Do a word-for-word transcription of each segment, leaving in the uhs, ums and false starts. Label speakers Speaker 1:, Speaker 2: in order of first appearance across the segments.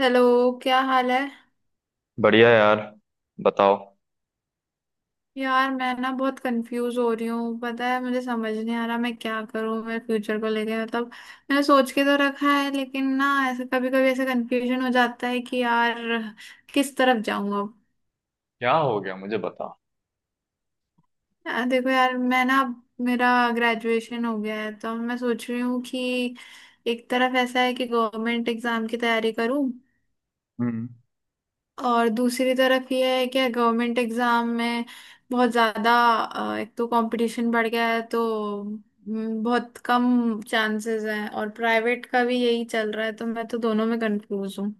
Speaker 1: Hello. क्या हाल है?
Speaker 2: बढ़िया यार। बताओ।
Speaker 1: यार मैं ना बहुत कंफ्यूज हो रही हूँ। पता है मुझे समझ नहीं आ रहा मैं क्या करूँ मेरे फ्यूचर को लेके मतलब। मैंने सोच के तो रखा है लेकिन ना, ऐसे कभी कभी ऐसे कंफ्यूजन हो जाता है कि यार किस तरफ जाऊँ अब।
Speaker 2: क्या हो गया, मुझे बताओ।
Speaker 1: यार देखो यार मैं ना अब मेरा ग्रेजुएशन हो गया है तो अब मैं सोच रही हूँ कि एक तरफ ऐसा है कि गवर्नमेंट एग्जाम की तैयारी करूँ,
Speaker 2: हम्म।
Speaker 1: और दूसरी तरफ ये है कि गवर्नमेंट एग्जाम में बहुत ज़्यादा अ, एक तो कंपटीशन बढ़ गया है, तो हम्म, बहुत कम चांसेस हैं, और प्राइवेट का भी यही चल रहा है, तो मैं तो दोनों में कंफ्यूज हूँ।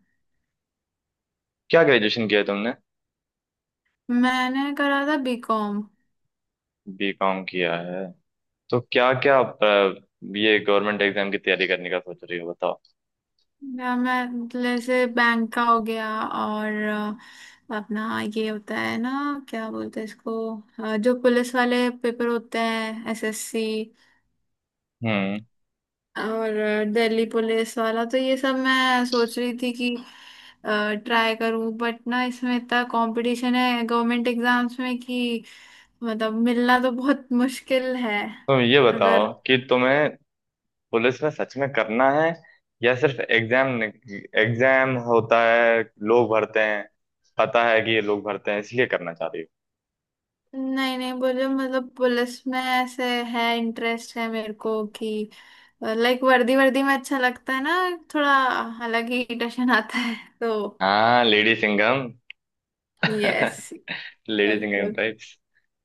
Speaker 2: क्या ग्रेजुएशन किया है तुमने?
Speaker 1: मैंने करा था बीकॉम।
Speaker 2: बी कॉम किया है। तो क्या क्या, ये गवर्नमेंट एग्जाम की तैयारी करने का सोच रही हो, बताओ?
Speaker 1: मैं मैं जैसे बैंक का हो गया, और अ, अपना ये होता है ना, क्या बोलते हैं इसको, अ, जो पुलिस वाले पेपर होते हैं, एसएससी
Speaker 2: हम्म।
Speaker 1: और दिल्ली पुलिस वाला, तो ये सब मैं सोच रही थी कि ट्राई करूं, बट ना इसमें इतना कंपटीशन है गवर्नमेंट एग्जाम्स में कि मतलब मिलना तो बहुत मुश्किल है।
Speaker 2: तुम ये
Speaker 1: अगर
Speaker 2: बताओ कि तुम्हें पुलिस में सच में करना है या सिर्फ एग्जाम एग्जाम होता है, लोग भरते हैं, पता है कि ये लोग भरते हैं इसलिए करना चाह रही हो?
Speaker 1: नहीं नहीं, बोले मतलब पुलिस में ऐसे है, इंटरेस्ट है मेरे को कि लाइक वर्दी वर्दी में अच्छा लगता है ना, थोड़ा अलग ही टशन आता है तो।
Speaker 2: हाँ, lady Singham.
Speaker 1: Yes.
Speaker 2: Ladies engagement
Speaker 1: बिल्कुल।
Speaker 2: टाइप्स।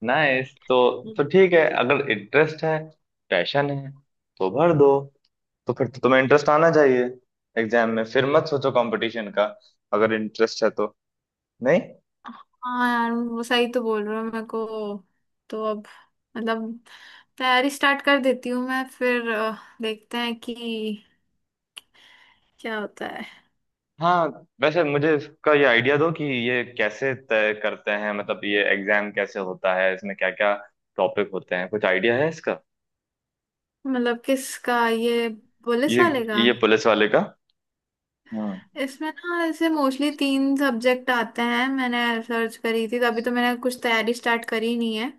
Speaker 2: नाइस। तो तो ठीक है, अगर इंटरेस्ट है, पैशन है, तो भर दो। तो फिर तो तुम्हें इंटरेस्ट आना चाहिए। एग्जाम में फिर मत सोचो कंपटीशन का। अगर इंटरेस्ट है तो? नहीं।
Speaker 1: हाँ यार वो सही तो बोल रहे हो मेरे को, तो अब मतलब तैयारी स्टार्ट कर देती हूँ मैं फिर, अ, देखते हैं कि क्या होता है।
Speaker 2: हाँ, वैसे मुझे इसका ये आइडिया दो कि ये कैसे तय करते हैं, मतलब ये एग्जाम कैसे होता है, इसमें क्या क्या टॉपिक होते हैं? कुछ आइडिया है इसका?
Speaker 1: मतलब किसका? ये पुलिस
Speaker 2: ये
Speaker 1: वाले का?
Speaker 2: ये पुलिस वाले का? हम्म,
Speaker 1: इसमें ना ऐसे मोस्टली तीन सब्जेक्ट आते हैं। मैंने सर्च करी थी तभी, तो मैंने कुछ तैयारी स्टार्ट करी नहीं है।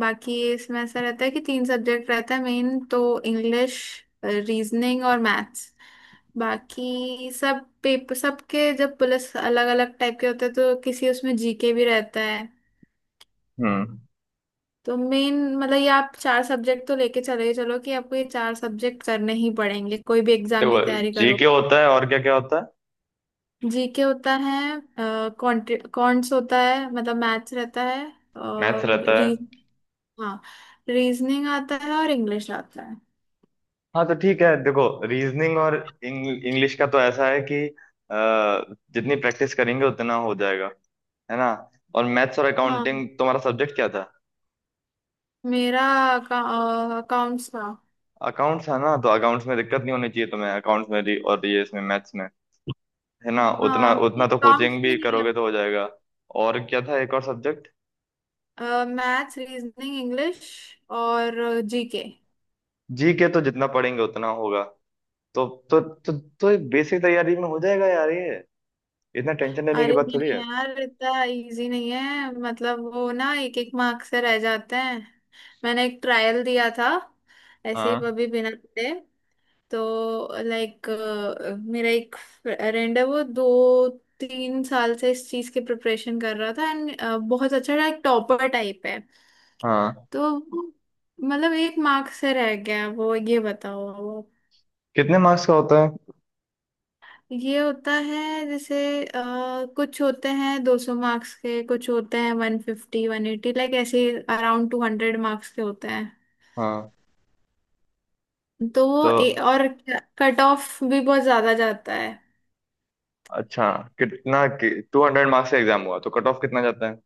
Speaker 1: बाकी इसमें ऐसा रहता है कि तीन सब्जेक्ट रहता है मेन, तो इंग्लिश, रीजनिंग और मैथ्स। बाकी सब पेपर सबके जब पुलिस अलग अलग टाइप के होते हैं, तो किसी उसमें जीके भी रहता है।
Speaker 2: हम्म।
Speaker 1: तो मेन मतलब ये, आप चार सब्जेक्ट तो लेके चले चलो कि आपको ये चार सब्जेक्ट करने ही पड़ेंगे कोई भी एग्जाम की
Speaker 2: देखो,
Speaker 1: तैयारी
Speaker 2: जी के
Speaker 1: करो।
Speaker 2: होता है और क्या क्या होता है?
Speaker 1: जीके होता है, कॉन्ट्स होता है मतलब मैथ्स रहता है,
Speaker 2: मैथ्स
Speaker 1: और
Speaker 2: रहता है?
Speaker 1: रीज हाँ, रीजनिंग आता है और इंग्लिश आता है।
Speaker 2: हाँ तो ठीक है, देखो, रीजनिंग और इंग्लिश का तो ऐसा है कि अ, जितनी प्रैक्टिस करेंगे उतना हो जाएगा, है ना। और मैथ्स, और
Speaker 1: हाँ,
Speaker 2: अकाउंटिंग तुम्हारा सब्जेक्ट क्या था?
Speaker 1: मेरा अकाउंट्स का।
Speaker 2: अकाउंट्स, है ना? तो अकाउंट्स में दिक्कत नहीं होनी चाहिए तुम्हें, अकाउंट्स में भी, और ये इसमें मैथ्स में, है ना। उतना
Speaker 1: हाँ,
Speaker 2: उतना तो
Speaker 1: अकाउंट्स
Speaker 2: कोचिंग भी
Speaker 1: नहीं
Speaker 2: करोगे तो हो जाएगा। और क्या था, एक और सब्जेक्ट?
Speaker 1: है, मैथ्स, रीजनिंग, इंग्लिश और जीके।
Speaker 2: जी के तो जितना पढ़ेंगे उतना होगा। तो तो तो, तो बेसिक तैयारी में हो जाएगा यार ये, इतना टेंशन लेने की
Speaker 1: अरे
Speaker 2: बात थोड़ी
Speaker 1: नहीं
Speaker 2: है।
Speaker 1: यार इतना इजी नहीं है, मतलब वो ना एक एक मार्क से रह जाते हैं। मैंने एक ट्रायल दिया था ऐसे ही
Speaker 2: हाँ,
Speaker 1: अभी बिना पढ़े, तो लाइक मेरा एक फ्रेंड है, वो दो तीन साल से इस चीज की प्रिपरेशन कर रहा था, एंड बहुत अच्छा एक टॉपर टाइप है,
Speaker 2: हाँ।
Speaker 1: तो मतलब एक मार्क्स से रह गया वो। ये बताओ आप।
Speaker 2: कितने मार्क्स का होता है?
Speaker 1: ये होता है जैसे अ, कुछ होते हैं दो सौ मार्क्स के, कुछ होते हैं एक सौ पचास एक सौ अस्सी लाइक ऐसे, अराउंड दो सौ मार्क्स के होते हैं,
Speaker 2: हाँ
Speaker 1: तो
Speaker 2: तो
Speaker 1: वो ए, और कट ऑफ भी बहुत ज्यादा जाता है।
Speaker 2: अच्छा, कितना? टू हंड्रेड मार्क्स का एग्जाम हुआ तो कट ऑफ कितना जाता है?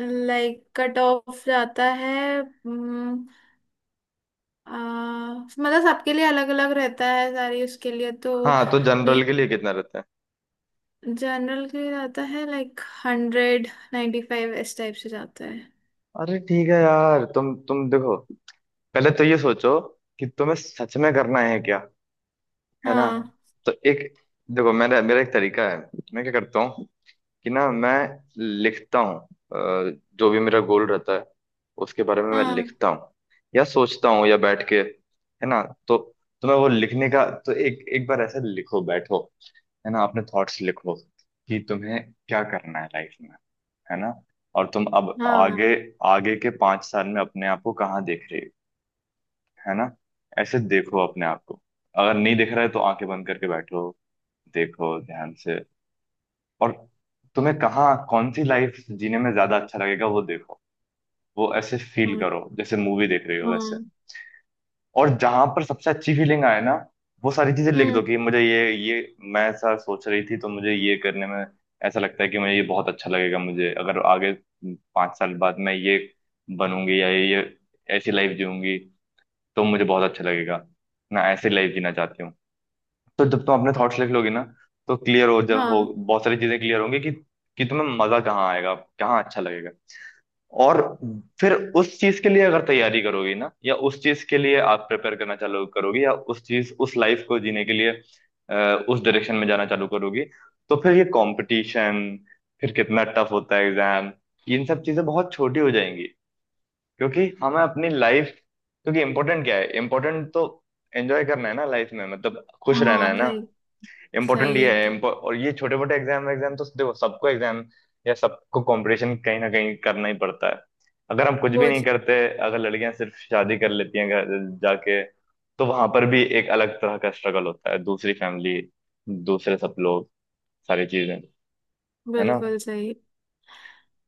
Speaker 1: लाइक कट ऑफ जाता है हम्म, अ, मतलब सबके लिए अलग अलग रहता है सारी उसके लिए, तो
Speaker 2: हाँ तो जनरल के लिए कितना रहता है?
Speaker 1: जनरल के लिए जाता है लाइक हंड्रेड नाइन्टी फाइव इस टाइप से जाता है।
Speaker 2: अरे ठीक है यार, तुम तुम देखो, पहले तो ये सोचो कि तुम्हें सच में करना है क्या, है ना।
Speaker 1: हाँ,
Speaker 2: तो एक देखो, मेरा मेरा एक तरीका है, मैं क्या करता हूँ कि ना मैं लिखता हूँ, अ, जो भी मेरा गोल रहता है उसके बारे में मैं
Speaker 1: हाँ,
Speaker 2: लिखता हूँ या सोचता हूँ या बैठ के, है ना। तो तुम्हें वो लिखने का तो, एक एक बार ऐसे लिखो बैठो, है ना, अपने थॉट्स लिखो कि तुम्हें क्या करना है लाइफ में, है ना। और तुम अब
Speaker 1: हाँ,
Speaker 2: आगे, आगे के पांच साल में अपने आप को कहाँ देख रहे हो, है ना? ऐसे देखो अपने आप को। अगर नहीं दिख रहा है तो आंखें बंद करके बैठो, देखो ध्यान से। और तुम्हें कहाँ, कौन सी लाइफ जीने में ज्यादा अच्छा लगेगा वो देखो। वो ऐसे फील
Speaker 1: हाँ,
Speaker 2: करो जैसे मूवी देख रही हो, वैसे।
Speaker 1: हाँ।
Speaker 2: और जहां पर सबसे अच्छी फीलिंग आए ना, वो सारी चीजें लिख
Speaker 1: हम्म,
Speaker 2: दो कि मुझे ये ये मैं ऐसा सोच रही थी तो मुझे ये करने में ऐसा लगता है कि मुझे ये बहुत अच्छा लगेगा। मुझे अगर आगे पाँच साल बाद मैं ये बनूंगी या ये ये ऐसी लाइफ जीऊंगी तो मुझे बहुत अच्छा लगेगा, मैं ऐसी लाइफ जीना चाहती हूँ। तो जब तुम अपने थॉट्स लिख लोगी ना तो क्लियर हो जा हो,
Speaker 1: हाँ,
Speaker 2: बहुत सारी चीजें क्लियर होंगी कि कि तुम्हें मजा कहाँ आएगा, कहाँ अच्छा लगेगा। और फिर उस चीज के लिए अगर तैयारी करोगी ना, या उस चीज के लिए आप प्रिपेयर करना चालू करोगी, या उस चीज उस लाइफ को जीने के लिए अ, उस डायरेक्शन में जाना चालू करोगी, तो फिर ये कंपटीशन, फिर कितना टफ होता है एग्जाम, इन सब चीजें बहुत छोटी हो जाएंगी। क्योंकि हमें अपनी लाइफ क्योंकि इम्पोर्टेंट क्या है? इम्पोर्टेंट तो एंजॉय करना है ना लाइफ में, मतलब खुश रहना
Speaker 1: हाँ,
Speaker 2: है ना।
Speaker 1: सही।
Speaker 2: इम्पोर्टेंट
Speaker 1: सही है
Speaker 2: ये है
Speaker 1: एकदम।
Speaker 2: impo- और ये छोटे मोटे एग्जाम एग्जाम तो देखो, सबको एग्जाम या सबको कंपटीशन कहीं ना कहीं करना ही पड़ता है। अगर हम कुछ भी
Speaker 1: वो
Speaker 2: नहीं
Speaker 1: च-
Speaker 2: करते, अगर लड़कियां सिर्फ शादी कर लेती हैं, घर जाके, तो वहां पर भी एक अलग तरह का स्ट्रगल होता है, दूसरी फैमिली, दूसरे सब लोग, सारी चीजें, है ना।
Speaker 1: बिल्कुल सही।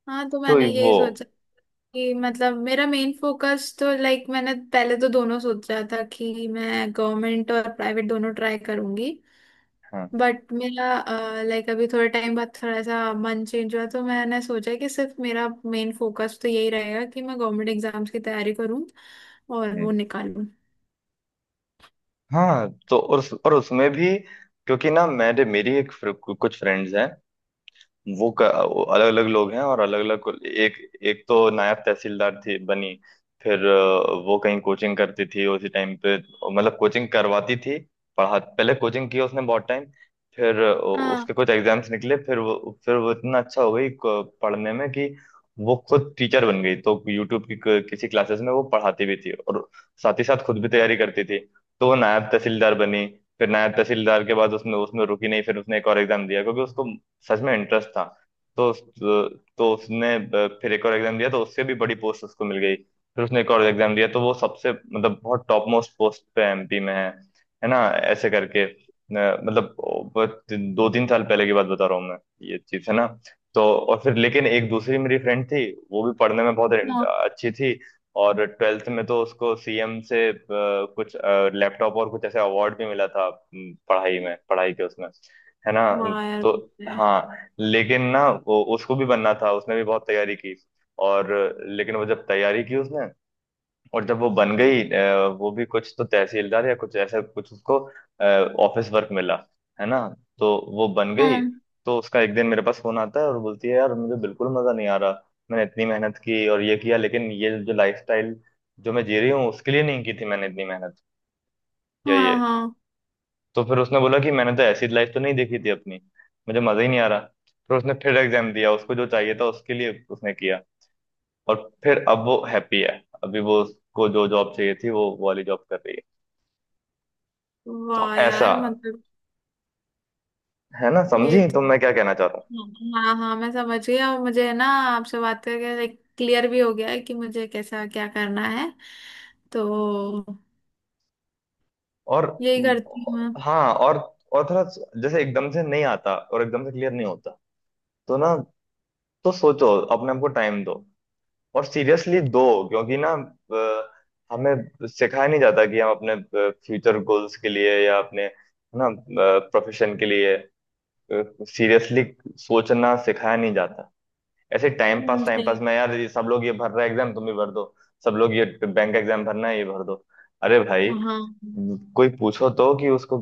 Speaker 1: हाँ तो
Speaker 2: तो ये
Speaker 1: मैंने
Speaker 2: वो।
Speaker 1: यही सोचा कि मतलब मेरा मेन फोकस तो, लाइक मैंने पहले तो दोनों सोचा था कि मैं गवर्नमेंट और प्राइवेट दोनों ट्राई करूंगी,
Speaker 2: हाँ।
Speaker 1: बट मेरा लाइक अभी थोड़े टाइम बाद थोड़ा सा मन चेंज हुआ, तो मैंने सोचा कि सिर्फ मेरा मेन फोकस तो यही रहेगा कि मैं गवर्नमेंट एग्जाम्स की तैयारी करूं और वो
Speaker 2: हम्म।
Speaker 1: निकालूं।
Speaker 2: हाँ तो और उस, और उसमें भी, क्योंकि ना मेरे मेरी एक फ्र- कुछ फ्रेंड्स हैं, वो अलग अलग लोग हैं और अलग अलग, एक एक तो नायब तहसीलदार थी बनी। फिर अ, वो कहीं कोचिंग करती थी उसी टाइम पे, मतलब कोचिंग करवाती थी, पढ़ा पहले कोचिंग की उसने बहुत टाइम। फिर अ,
Speaker 1: हाँ,
Speaker 2: उसके कुछ एग्जाम्स निकले, फिर वो फिर वो इतना अच्छा हो गई क- पढ़ने में कि वो खुद टीचर बन गई, तो यूट्यूब की क- किसी क्लासेस में वो पढ़ाती भी थी, और साथ ही साथ खुद भी तैयारी करती थी, तो वो नायब तहसीलदार बनी। फिर नायब तहसीलदार के बाद उसने उसमें रुकी नहीं, फिर उसने एक और एग्जाम दिया क्योंकि उसको सच में इंटरेस्ट था। तो उस- तो उसने ब- फिर एक और एग्जाम दिया, तो उससे भी बड़ी पोस्ट उसको मिल गई। फिर उसने एक और एग्जाम दिया तो वो सबसे, मतलब बहुत टॉप मोस्ट पोस्ट पे एम पी में है है ना, ऐसे करके। न- मतलब बस दो तीन साल पहले की बात बता रहा हूँ मैं, ये चीज, है ना। तो और फिर, लेकिन एक दूसरी मेरी फ्रेंड थी, वो भी पढ़ने में बहुत
Speaker 1: हाँ,
Speaker 2: अच्छी थी। और ट्वेल्थ में तो उसको सी एम से अ, कुछ लैपटॉप और कुछ ऐसे अवार्ड भी मिला था, अम, पढ़ाई में, पढ़ाई के उसमें, है ना।
Speaker 1: वाह यार
Speaker 2: तो
Speaker 1: वो तो है।
Speaker 2: हाँ, लेकिन ना वो, उसको भी बनना था, उसने भी बहुत तैयारी की। और लेकिन वो जब तैयारी की उसने, और जब वो बन गई, अ, वो भी कुछ तो तहसीलदार या कुछ ऐसा कुछ, उसको ऑफिस वर्क मिला, है ना। तो वो बन गई।
Speaker 1: हाँ,
Speaker 2: तो उसका एक दिन मेरे पास फोन आता है और बोलती है, यार मुझे बिल्कुल मजा नहीं आ रहा, मैंने इतनी मेहनत की और ये किया, लेकिन ये जो लाइफस्टाइल जो मैं जी रही हूँ उसके लिए नहीं की थी मैंने इतनी मेहनत, या ये।
Speaker 1: हाँ, हाँ,
Speaker 2: तो फिर उसने बोला कि मैंने तो ऐसी लाइफ तो नहीं देखी थी अपनी, मुझे मजा ही नहीं आ रहा। फिर उसने फिर एग्जाम दिया, उसको जो चाहिए था उसके लिए उसने किया, और फिर अब वो हैप्पी है, अभी वो, उसको जो जॉब चाहिए थी वो वो वाली जॉब कर रही है। तो
Speaker 1: वाह
Speaker 2: ऐसा,
Speaker 1: यार मतलब
Speaker 2: है ना,
Speaker 1: ये
Speaker 2: समझी
Speaker 1: तो।
Speaker 2: तुम मैं क्या कहना चाहता हूँ?
Speaker 1: हाँ, हाँ, मैं समझ गई, और मुझे है ना आपसे बात करके लाइक क्लियर भी हो गया है कि मुझे कैसा क्या करना है, तो
Speaker 2: और
Speaker 1: यही
Speaker 2: हम्म,
Speaker 1: करती हूँ मैं।
Speaker 2: हाँ, और और थोड़ा, जैसे एकदम से नहीं आता और एकदम से क्लियर नहीं होता, तो ना, तो सोचो, अपने आप को टाइम दो और सीरियसली दो। क्योंकि ना अ, हमें सिखाया नहीं जाता कि हम अपने फ्यूचर गोल्स के लिए या अपने, है ना, प्रोफेशन के लिए सीरियसली सोचना सिखाया नहीं जाता। ऐसे टाइम पास
Speaker 1: मुझे-
Speaker 2: टाइम पास में यार, ये सब लोग ये भर रहा है एग्जाम तुम भी भर दो, सब लोग ये बैंक एग्जाम भरना है ये भर दो। अरे भाई,
Speaker 1: हाँ,
Speaker 2: कोई पूछो तो कि उसको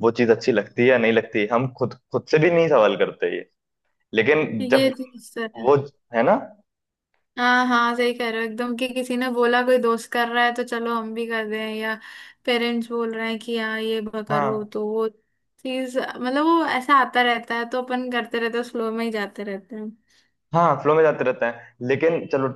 Speaker 2: वो चीज अच्छी लगती है या नहीं लगती, हम खुद खुद से भी नहीं सवाल करते ये। लेकिन
Speaker 1: ये
Speaker 2: जब
Speaker 1: चीज।
Speaker 2: वो, है ना।
Speaker 1: हाँ, हाँ, सही कह रहे हो एकदम, कि किसी ने बोला कोई दोस्त कर रहा है तो चलो हम भी कर दें, या पेरेंट्स बोल रहे हैं कि हाँ ये ब- करो,
Speaker 2: हाँ,
Speaker 1: तो वो चीज मतलब वो ऐसा आता रहता है तो अपन करते रहते हैं, स्लो में ही जाते रहते हैं।
Speaker 2: हाँ, फ्लो में जाते रहते हैं, लेकिन चलो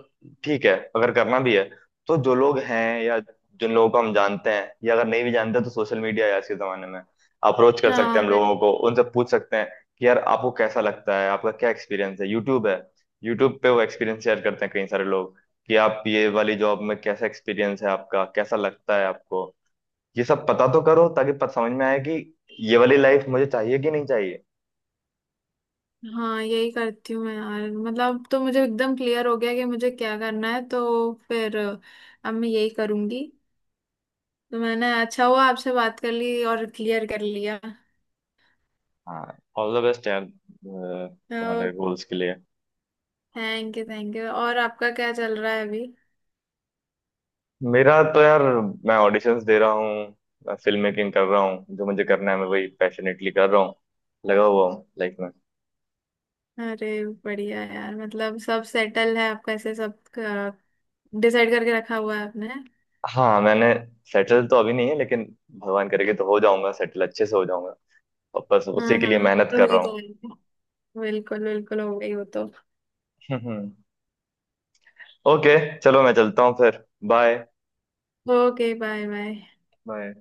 Speaker 2: ठीक है, अगर करना भी है, तो जो लोग हैं या जिन लोगों को हम जानते हैं, या अगर नहीं भी जानते तो सोशल मीडिया है आज के जमाने में, अप्रोच कर सकते
Speaker 1: हाँ,
Speaker 2: हैं हम
Speaker 1: अरे,
Speaker 2: लोगों को, उनसे पूछ सकते हैं कि यार आपको कैसा लगता है, आपका क्या एक्सपीरियंस है। यूट्यूब है, यूट्यूब पे वो एक्सपीरियंस शेयर करते हैं कई सारे लोग कि आप ये वाली जॉब में कैसा एक्सपीरियंस है, आपका कैसा लगता है आपको। ये सब पता तो करो, ताकि पता समझ में आए कि ये वाली लाइफ मुझे चाहिए कि नहीं चाहिए।
Speaker 1: हाँ यही करती हूँ मैं यार, मतलब तो मुझे एकदम क्लियर हो गया कि मुझे क्या करना है, तो फिर अ, अब मैं यही करूंगी। तो मैंने, अच्छा हुआ आपसे बात कर ली और क्लियर कर लिया।
Speaker 2: हाँ, ऑल द बेस्ट यार, अ, तुम्हारे गोल्स के लिए।
Speaker 1: Thank you, thank you. और आपका क्या चल रहा है अभी?
Speaker 2: मेरा तो यार, मैं ऑडिशंस दे रहा हूँ, मैं फिल्म मेकिंग कर रहा हूँ, जो मुझे करना है मैं वही पैशनेटली कर रहा हूँ, लगा हुआ हूँ लाइफ में।
Speaker 1: अरे बढ़िया यार, मतलब सब सेटल है आपका ऐसे, सब डिसाइड करके रखा हुआ है आपने।
Speaker 2: हाँ मैंने, सेटल तो अभी नहीं है लेकिन, भगवान करेगा तो हो जाऊंगा, सेटल अच्छे से हो जाऊंगा, और बस उसी
Speaker 1: हाँ,
Speaker 2: के लिए
Speaker 1: हाँ,
Speaker 2: मेहनत
Speaker 1: तो
Speaker 2: कर
Speaker 1: वही
Speaker 2: रहा
Speaker 1: तो है। बिल्कुल, बिल्कुल हो गई वो तो।
Speaker 2: हूँ। ओके चलो, मैं चलता हूँ फिर, bye.
Speaker 1: Okay, bye bye.
Speaker 2: Bye.